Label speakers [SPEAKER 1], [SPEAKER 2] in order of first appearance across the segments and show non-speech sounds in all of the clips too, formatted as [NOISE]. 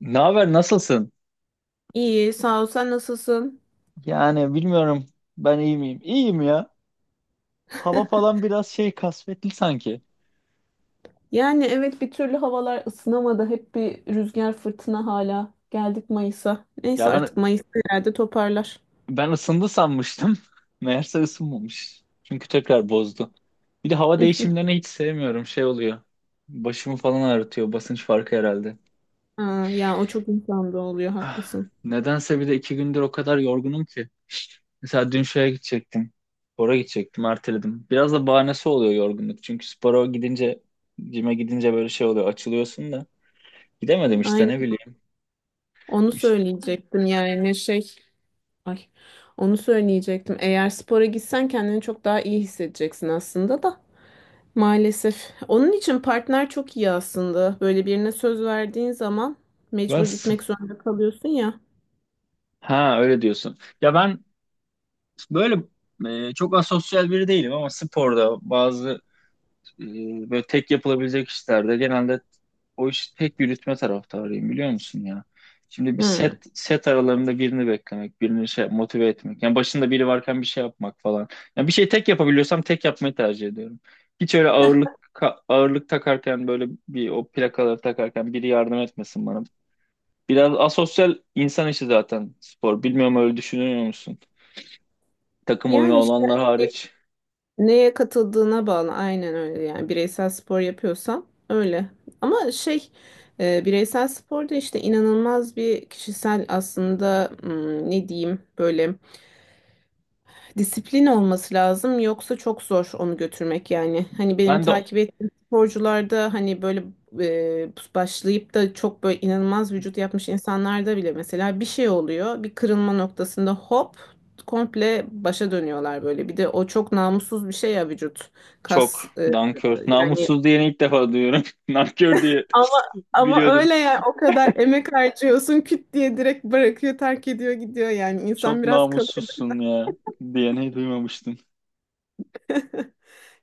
[SPEAKER 1] Ne haber, nasılsın?
[SPEAKER 2] İyi, sağ ol. Sen nasılsın?
[SPEAKER 1] Yani bilmiyorum, ben iyi miyim? İyiyim ya. Hava falan
[SPEAKER 2] [LAUGHS]
[SPEAKER 1] biraz şey kasvetli sanki.
[SPEAKER 2] Yani evet bir türlü havalar ısınamadı. Hep bir rüzgar fırtına hala. Geldik Mayıs'a. Neyse
[SPEAKER 1] Ya ben
[SPEAKER 2] artık Mayıs'ta herhalde toparlar.
[SPEAKER 1] ben ısındı sanmıştım. [LAUGHS] Meğerse ısınmamış. Çünkü tekrar bozdu. Bir de hava
[SPEAKER 2] [LAUGHS]
[SPEAKER 1] değişimlerini hiç sevmiyorum. Şey oluyor. Başımı falan ağrıtıyor. Basınç farkı herhalde.
[SPEAKER 2] Ha, ya o çok insanda oluyor
[SPEAKER 1] Ah,
[SPEAKER 2] haklısın.
[SPEAKER 1] nedense bir de 2 gündür o kadar yorgunum ki. Mesela dün şeye gidecektim. Spora gidecektim, erteledim. Biraz da bahanesi oluyor yorgunluk. Çünkü spora gidince, cime gidince böyle şey oluyor. Açılıyorsun da. Gidemedim işte, ne
[SPEAKER 2] Aynen.
[SPEAKER 1] bileyim.
[SPEAKER 2] Onu
[SPEAKER 1] İşte,
[SPEAKER 2] söyleyecektim yani şey. Ay. Onu söyleyecektim. Eğer spora gitsen kendini çok daha iyi hissedeceksin aslında da. Maalesef. Onun için partner çok iyi aslında. Böyle birine söz verdiğin zaman mecbur
[SPEAKER 1] bas.
[SPEAKER 2] gitmek zorunda kalıyorsun ya.
[SPEAKER 1] Ha, öyle diyorsun. Ya ben böyle, çok asosyal biri değilim ama sporda bazı, e, böyle tek yapılabilecek işlerde genelde o işi tek yürütme taraftarıyım, biliyor musun ya? Şimdi bir
[SPEAKER 2] Hı.
[SPEAKER 1] set set aralarında birini beklemek, birini şey motive etmek. Yani başında biri varken bir şey yapmak falan. Yani bir şey tek yapabiliyorsam tek yapmayı tercih ediyorum. Hiç öyle ağırlık ağırlık takarken böyle bir o plakaları takarken biri yardım etmesin bana. Biraz asosyal insan işi zaten spor. Bilmiyorum, öyle düşünüyor musun? Takım oyunu
[SPEAKER 2] Yani işte
[SPEAKER 1] olanlar
[SPEAKER 2] e,
[SPEAKER 1] hariç.
[SPEAKER 2] neye katıldığına bağlı aynen öyle yani bireysel spor yapıyorsan öyle. Ama şey bireysel sporda işte inanılmaz bir kişisel aslında ne diyeyim böyle disiplin olması lazım yoksa çok zor onu götürmek yani. Hani benim
[SPEAKER 1] Ben de
[SPEAKER 2] takip ettiğim sporcularda hani böyle başlayıp da çok böyle inanılmaz vücut yapmış insanlarda bile mesela bir şey oluyor. Bir kırılma noktasında hop komple başa dönüyorlar böyle. Bir de o çok namussuz bir şey ya vücut
[SPEAKER 1] çok
[SPEAKER 2] kas
[SPEAKER 1] nankör.
[SPEAKER 2] yani
[SPEAKER 1] Namussuz diyeni ilk defa duyuyorum. [LAUGHS] Nankör diye
[SPEAKER 2] ama ama
[SPEAKER 1] biliyordum.
[SPEAKER 2] öyle ya o kadar emek harcıyorsun küt diye direkt bırakıyor terk ediyor gidiyor yani insan
[SPEAKER 1] Çok
[SPEAKER 2] biraz kalır.
[SPEAKER 1] namussuzsun ya diyeni duymamıştım.
[SPEAKER 2] [LAUGHS]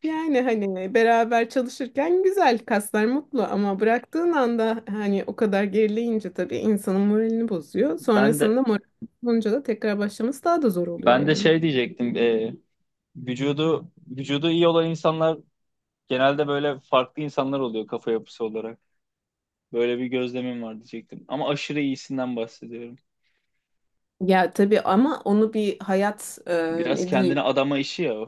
[SPEAKER 2] Yani hani beraber çalışırken güzel kaslar mutlu ama bıraktığın anda hani o kadar gerileyince tabii insanın moralini bozuyor.
[SPEAKER 1] Ben de
[SPEAKER 2] Sonrasında moral bozulunca da tekrar başlaması daha da zor oluyor
[SPEAKER 1] ben de
[SPEAKER 2] yani.
[SPEAKER 1] şey diyecektim. Vücudu vücudu iyi olan insanlar genelde böyle farklı insanlar oluyor, kafa yapısı olarak. Böyle bir gözlemim var diyecektim. Ama aşırı iyisinden bahsediyorum.
[SPEAKER 2] Ya tabii ama onu bir hayat
[SPEAKER 1] Biraz
[SPEAKER 2] ne diyeyim
[SPEAKER 1] kendini adama işi ya o.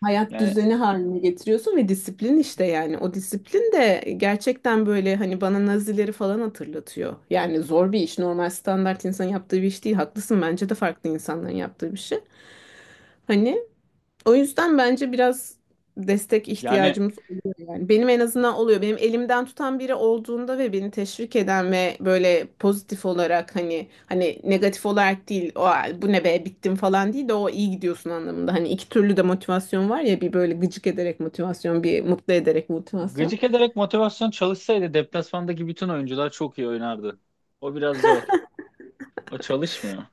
[SPEAKER 2] hayat
[SPEAKER 1] Yani
[SPEAKER 2] düzeni haline getiriyorsun ve disiplin işte yani o disiplin de gerçekten böyle hani bana Nazileri falan hatırlatıyor. Yani zor bir iş, normal standart insan yaptığı bir iş değil, haklısın, bence de farklı insanların yaptığı bir şey. Hani o yüzden bence biraz destek
[SPEAKER 1] yani
[SPEAKER 2] ihtiyacımız oluyor yani. Benim en azından oluyor. Benim elimden tutan biri olduğunda ve beni teşvik eden ve böyle pozitif olarak, hani negatif olarak değil, o bu ne be bittim falan değil de o iyi gidiyorsun anlamında. Hani iki türlü de motivasyon var ya, bir böyle gıcık ederek motivasyon, bir mutlu ederek motivasyon.
[SPEAKER 1] gıcık ederek motivasyon çalışsaydı deplasmandaki bütün oyuncular çok iyi oynardı. O biraz zor. O çalışmıyor.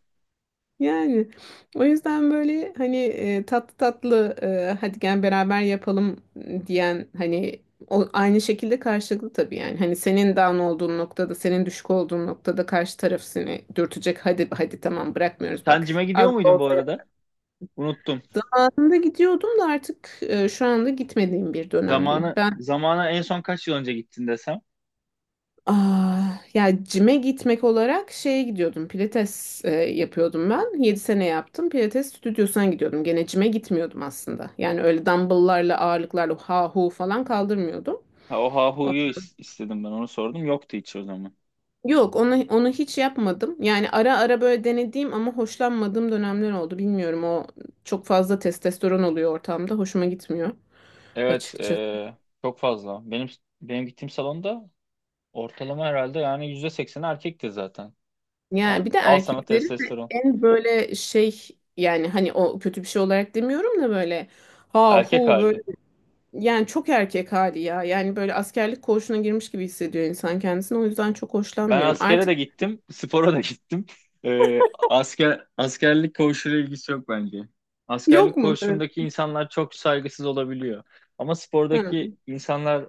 [SPEAKER 2] Yani o yüzden böyle hani tatlı tatlı hadi gel beraber yapalım diyen hani o, aynı şekilde karşılıklı tabii yani. Hani senin down olduğun noktada, senin düşük olduğun noktada karşı taraf seni dürtecek. Hadi hadi tamam, bırakmıyoruz
[SPEAKER 1] Sen
[SPEAKER 2] bak.
[SPEAKER 1] cime gidiyor
[SPEAKER 2] Az da
[SPEAKER 1] muydun bu
[SPEAKER 2] olsa
[SPEAKER 1] arada?
[SPEAKER 2] yaptım.
[SPEAKER 1] Unuttum.
[SPEAKER 2] Anında gidiyordum da artık şu anda gitmediğim bir dönemdeyim.
[SPEAKER 1] Zamanı zamana en son kaç yıl önce gittin desem.
[SPEAKER 2] Aa, ya cime gitmek olarak şeye gidiyordum. Pilates yapıyordum ben. 7 sene yaptım. Pilates stüdyosuna gidiyordum. Gene cime gitmiyordum aslında. Yani öyle dumbbell'larla ağırlıklarla ha hu falan kaldırmıyordum.
[SPEAKER 1] Ha, o Hahu'yu istedim, ben onu sordum. Yoktu hiç o zaman.
[SPEAKER 2] Yok onu hiç yapmadım. Yani ara ara böyle denediğim ama hoşlanmadığım dönemler oldu. Bilmiyorum, o çok fazla testosteron oluyor ortamda. Hoşuma gitmiyor
[SPEAKER 1] Evet,
[SPEAKER 2] açıkçası.
[SPEAKER 1] çok fazla. Benim gittiğim salonda ortalama herhalde yani %80 erkekti zaten. Al,
[SPEAKER 2] Yani bir de
[SPEAKER 1] al sana
[SPEAKER 2] erkeklerin de
[SPEAKER 1] testosteron.
[SPEAKER 2] en böyle şey, yani hani o kötü bir şey olarak demiyorum da böyle ha
[SPEAKER 1] Erkek
[SPEAKER 2] hu
[SPEAKER 1] hali.
[SPEAKER 2] böyle. Yani çok erkek hali ya. Yani böyle askerlik koğuşuna girmiş gibi hissediyor insan kendisini. O yüzden çok
[SPEAKER 1] Ben
[SPEAKER 2] hoşlanmıyorum.
[SPEAKER 1] askere
[SPEAKER 2] Artık
[SPEAKER 1] de gittim, spora da gittim. Askerlik koğuşuyla ilgisi yok bence.
[SPEAKER 2] [LAUGHS]
[SPEAKER 1] Askerlik
[SPEAKER 2] yok mu? Evet.
[SPEAKER 1] koğuşundaki insanlar çok saygısız olabiliyor. Ama
[SPEAKER 2] Ha.
[SPEAKER 1] spordaki insanlar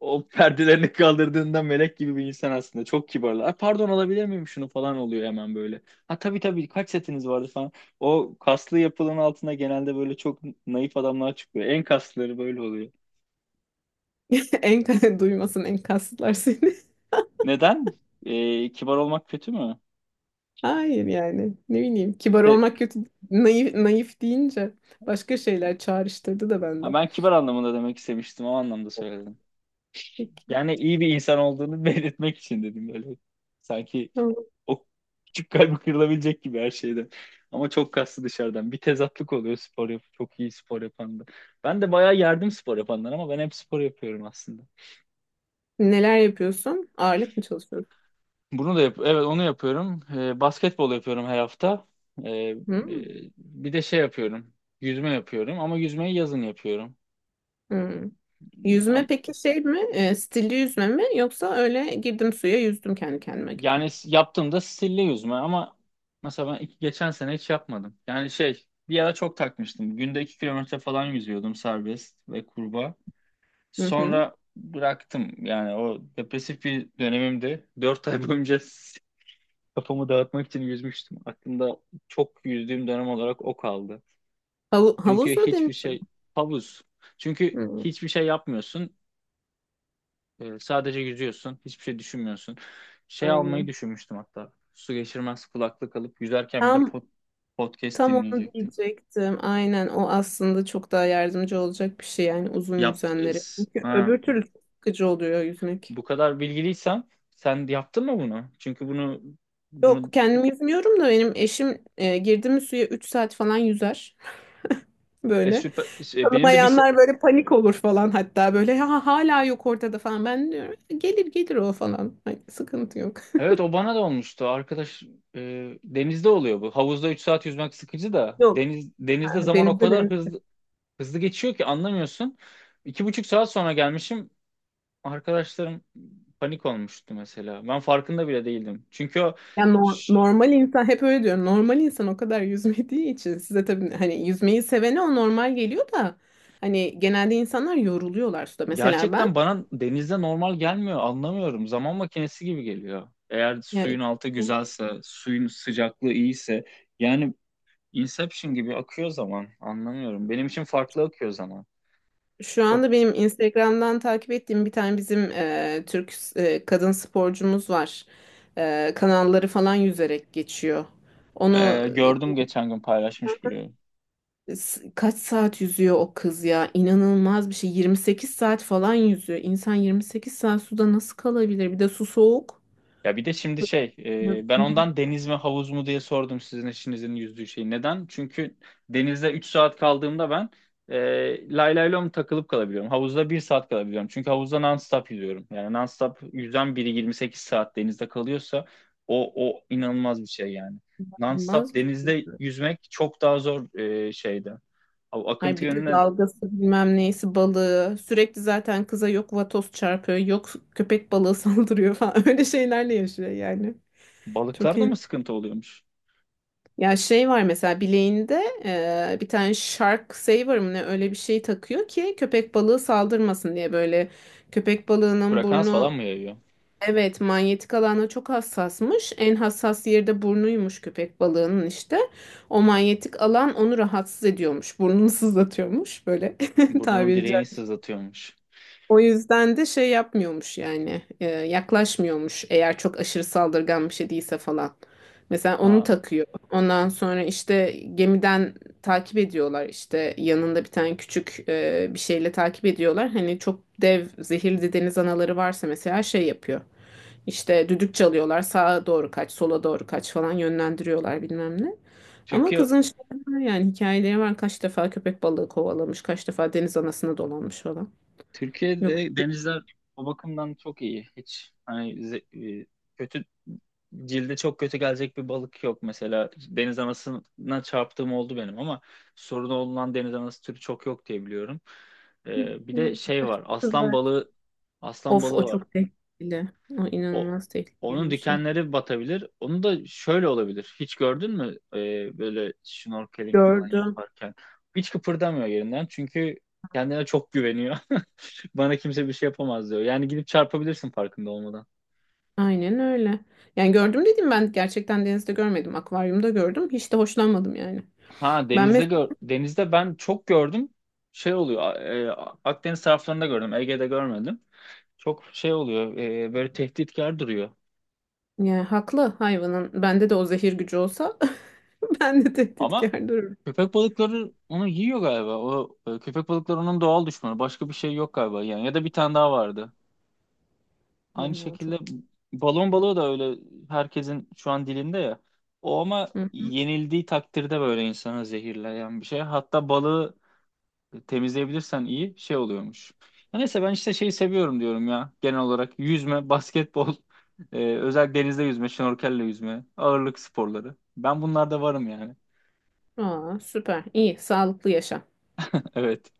[SPEAKER 1] o [LAUGHS] perdelerini kaldırdığında melek gibi bir insan aslında. Çok kibarlar. "Ay, pardon, alabilir miyim şunu" falan oluyor hemen böyle. Ha, tabii tabii, kaç setiniz vardı falan. O kaslı yapılanın altına genelde böyle çok naif adamlar çıkıyor. En kaslıları böyle oluyor.
[SPEAKER 2] [LAUGHS] En duymasın enkazlar seni. [LAUGHS]
[SPEAKER 1] Neden? Kibar olmak kötü mü?
[SPEAKER 2] Hayır yani. Ne bileyim. Kibar olmak kötü. Naif, naif deyince başka şeyler çağrıştırdı da
[SPEAKER 1] Ha,
[SPEAKER 2] bende.
[SPEAKER 1] ben kibar anlamında demek istemiştim. O anlamda söyledim.
[SPEAKER 2] Peki.
[SPEAKER 1] Yani iyi bir insan olduğunu [LAUGHS] belirtmek için dedim böyle. Sanki
[SPEAKER 2] Tamam.
[SPEAKER 1] o küçük kalbi kırılabilecek gibi her şeyden. Ama çok kaslı dışarıdan. Bir tezatlık oluyor spor yap, çok iyi spor yapanda. Ben de bayağı yerdim spor yapanlar, ama ben hep spor yapıyorum aslında.
[SPEAKER 2] Neler yapıyorsun? Ağırlık mı çalışıyorsun?
[SPEAKER 1] Bunu da yap, evet, onu yapıyorum. Basketbol yapıyorum her hafta. E,
[SPEAKER 2] Hmm.
[SPEAKER 1] bir de şey yapıyorum. Yüzme yapıyorum, ama yüzmeyi yazın yapıyorum.
[SPEAKER 2] Hmm. Yüzme peki şey mi? Stilli yüzme mi? Yoksa öyle girdim suya yüzdüm kendi kendime gibi mi?
[SPEAKER 1] Yani yaptığımda stilli yüzme, ama mesela ben iki, geçen sene hiç yapmadım. Yani şey, bir ara çok takmıştım. Günde 2 kilometre falan yüzüyordum, serbest ve kurbağa.
[SPEAKER 2] Hı hı.
[SPEAKER 1] Sonra bıraktım. Yani o depresif bir dönemimde 4 ay boyunca [LAUGHS] kafamı dağıtmak için yüzmüştüm. Aklımda çok yüzdüğüm dönem olarak o kaldı. Çünkü
[SPEAKER 2] Havuz mu
[SPEAKER 1] hiçbir
[SPEAKER 2] deniz
[SPEAKER 1] şey, havuz. Çünkü
[SPEAKER 2] mi?
[SPEAKER 1] hiçbir şey yapmıyorsun. Sadece yüzüyorsun. Hiçbir şey düşünmüyorsun. Şey almayı
[SPEAKER 2] Aynen.
[SPEAKER 1] düşünmüştüm hatta. Su geçirmez kulaklık alıp yüzerken bir de
[SPEAKER 2] Tam
[SPEAKER 1] podcast
[SPEAKER 2] tam onu
[SPEAKER 1] dinleyecektim.
[SPEAKER 2] diyecektim. Aynen o aslında çok daha yardımcı olacak bir şey yani uzun
[SPEAKER 1] Yap,
[SPEAKER 2] yüzenlere. Çünkü
[SPEAKER 1] ha,
[SPEAKER 2] öbür türlü çok sıkıcı oluyor yüzmek.
[SPEAKER 1] bu kadar bilgiliysen sen yaptın mı bunu? Çünkü bunu
[SPEAKER 2] Yok
[SPEAKER 1] bunu
[SPEAKER 2] kendim yüzmüyorum da benim eşim girdi mi suya 3 saat falan yüzer. [LAUGHS] Böyle.
[SPEAKER 1] süper, benim de bir
[SPEAKER 2] Tanımayanlar böyle panik olur falan, hatta böyle ha, hala yok ortada falan. Ben diyorum gelir gelir o falan. Hani sıkıntı yok.
[SPEAKER 1] evet, o bana da olmuştu. Arkadaş, denizde oluyor bu. Havuzda 3 saat yüzmek sıkıcı da
[SPEAKER 2] Yok,
[SPEAKER 1] denizde zaman o
[SPEAKER 2] denizde.
[SPEAKER 1] kadar hızlı hızlı geçiyor ki anlamıyorsun. 2,5 saat sonra gelmişim. Arkadaşlarım panik olmuştu mesela. Ben farkında bile değildim. Çünkü o
[SPEAKER 2] Ya
[SPEAKER 1] ş-
[SPEAKER 2] normal insan hep öyle diyor. Normal insan o kadar yüzmediği için, size tabii hani yüzmeyi sevene o normal geliyor da hani genelde insanlar yoruluyorlar suda. Mesela
[SPEAKER 1] gerçekten
[SPEAKER 2] ben,
[SPEAKER 1] bana denizde normal gelmiyor. Anlamıyorum. Zaman makinesi gibi geliyor. Eğer
[SPEAKER 2] yani
[SPEAKER 1] suyun altı güzelse, suyun sıcaklığı iyiyse, yani Inception gibi akıyor zaman. Anlamıyorum. Benim için farklı akıyor zaman.
[SPEAKER 2] şu
[SPEAKER 1] Çok,
[SPEAKER 2] anda benim Instagram'dan takip ettiğim bir tane bizim Türk kadın sporcumuz var. Kanalları falan yüzerek geçiyor. Onu
[SPEAKER 1] gördüm geçen gün paylaşmış biri.
[SPEAKER 2] kaç saat yüzüyor o kız ya? İnanılmaz bir şey. 28 saat falan yüzüyor. İnsan 28 saat suda nasıl kalabilir? Bir de su soğuk.
[SPEAKER 1] Ya, bir de şimdi şey, ben ondan deniz mi havuz mu diye sordum, sizin eşinizin yüzdüğü şeyi. Neden? Çünkü denizde 3 saat kaldığımda ben, lay lay lom takılıp kalabiliyorum. Havuzda 1 saat kalabiliyorum. Çünkü havuzda non-stop yüzüyorum. Yani non-stop yüzen biri 28 saat denizde kalıyorsa, o inanılmaz bir şey yani. Non-stop
[SPEAKER 2] Olmaz bir şey.
[SPEAKER 1] denizde yüzmek çok daha zor, şeyde. O
[SPEAKER 2] Hayır
[SPEAKER 1] akıntı
[SPEAKER 2] bir de
[SPEAKER 1] yönüne,
[SPEAKER 2] dalgası bilmem neyisi balığı. Sürekli zaten kıza yok vatoz çarpıyor, yok köpek balığı [LAUGHS] saldırıyor falan. Öyle şeylerle yaşıyor yani. Çok
[SPEAKER 1] balıklarda
[SPEAKER 2] iyi.
[SPEAKER 1] mı sıkıntı oluyormuş?
[SPEAKER 2] Ya şey var mesela bileğinde bir tane shark saver mı ne öyle bir şey takıyor ki köpek balığı saldırmasın diye, böyle köpek balığının
[SPEAKER 1] Frekans falan
[SPEAKER 2] burnu.
[SPEAKER 1] mı yayıyor?
[SPEAKER 2] Evet, manyetik alana çok hassasmış. En hassas yeri de burnuymuş köpek balığının işte. O manyetik alan onu rahatsız ediyormuş. Burnunu sızlatıyormuş böyle [LAUGHS]
[SPEAKER 1] Burnunun
[SPEAKER 2] tabiri,
[SPEAKER 1] direğini sızlatıyormuş.
[SPEAKER 2] o yüzden de şey yapmıyormuş yani, yaklaşmıyormuş eğer çok aşırı saldırgan bir şey değilse falan. Mesela onu
[SPEAKER 1] Ha.
[SPEAKER 2] takıyor. Ondan sonra işte gemiden takip ediyorlar, işte yanında bir tane küçük bir şeyle takip ediyorlar. Hani çok dev zehirli deniz anaları varsa mesela şey yapıyor. İşte düdük çalıyorlar, sağa doğru kaç, sola doğru kaç falan yönlendiriyorlar bilmem ne. Ama
[SPEAKER 1] Türkiye
[SPEAKER 2] kızın şey var yani, hikayeleri var, kaç defa köpek balığı kovalamış, kaç defa deniz anasına dolanmış falan. Yok.
[SPEAKER 1] Türkiye'de denizler o bakımdan çok iyi. Hiç, hani kötü, cilde çok kötü gelecek bir balık yok mesela. Deniz anasına çarptığım oldu benim, ama sorunu olan deniz anası türü çok yok diye biliyorum. Bir
[SPEAKER 2] Evet,
[SPEAKER 1] de şey var.
[SPEAKER 2] kızlar.
[SPEAKER 1] Aslan
[SPEAKER 2] Of,
[SPEAKER 1] balığı
[SPEAKER 2] o
[SPEAKER 1] var.
[SPEAKER 2] çok tehlikeli. O
[SPEAKER 1] O
[SPEAKER 2] inanılmaz tehlikeli
[SPEAKER 1] onun
[SPEAKER 2] bir şey.
[SPEAKER 1] dikenleri batabilir. Onu da şöyle olabilir. Hiç gördün mü? Böyle snorkeling falan
[SPEAKER 2] Gördüm.
[SPEAKER 1] yaparken hiç kıpırdamıyor yerinden, çünkü kendine çok güveniyor. [LAUGHS] Bana kimse bir şey yapamaz diyor. Yani gidip çarpabilirsin farkında olmadan.
[SPEAKER 2] Aynen öyle. Yani gördüm dedim ben, gerçekten denizde görmedim. Akvaryumda gördüm. Hiç de hoşlanmadım yani.
[SPEAKER 1] Ha,
[SPEAKER 2] Ben
[SPEAKER 1] denizde
[SPEAKER 2] mesela,
[SPEAKER 1] gör, denizde ben çok gördüm. Şey oluyor. Akdeniz taraflarında gördüm. Ege'de görmedim. Çok şey oluyor. Böyle tehditkar duruyor.
[SPEAKER 2] yani haklı hayvanın. Bende de o zehir gücü olsa [LAUGHS] ben de
[SPEAKER 1] Ama
[SPEAKER 2] tehditkar dururum.
[SPEAKER 1] köpek balıkları onu yiyor galiba. Köpek balıkları onun doğal düşmanı. Başka bir şey yok galiba. Yani ya da bir tane daha vardı. Aynı
[SPEAKER 2] Vallahi
[SPEAKER 1] şekilde
[SPEAKER 2] çok
[SPEAKER 1] balon
[SPEAKER 2] güzel.
[SPEAKER 1] balığı da öyle, herkesin şu an dilinde ya. O ama
[SPEAKER 2] Hı.
[SPEAKER 1] yenildiği takdirde böyle insanı zehirleyen bir şey. Hatta balığı temizleyebilirsen iyi şey oluyormuş. Ya neyse, ben işte şeyi seviyorum diyorum ya, genel olarak yüzme, basketbol, [LAUGHS] özel denizde yüzme, şnorkelle yüzme, ağırlık sporları. Ben bunlarda varım yani.
[SPEAKER 2] Aa, süper. İyi. Sağlıklı yaşa.
[SPEAKER 1] [LAUGHS] Evet.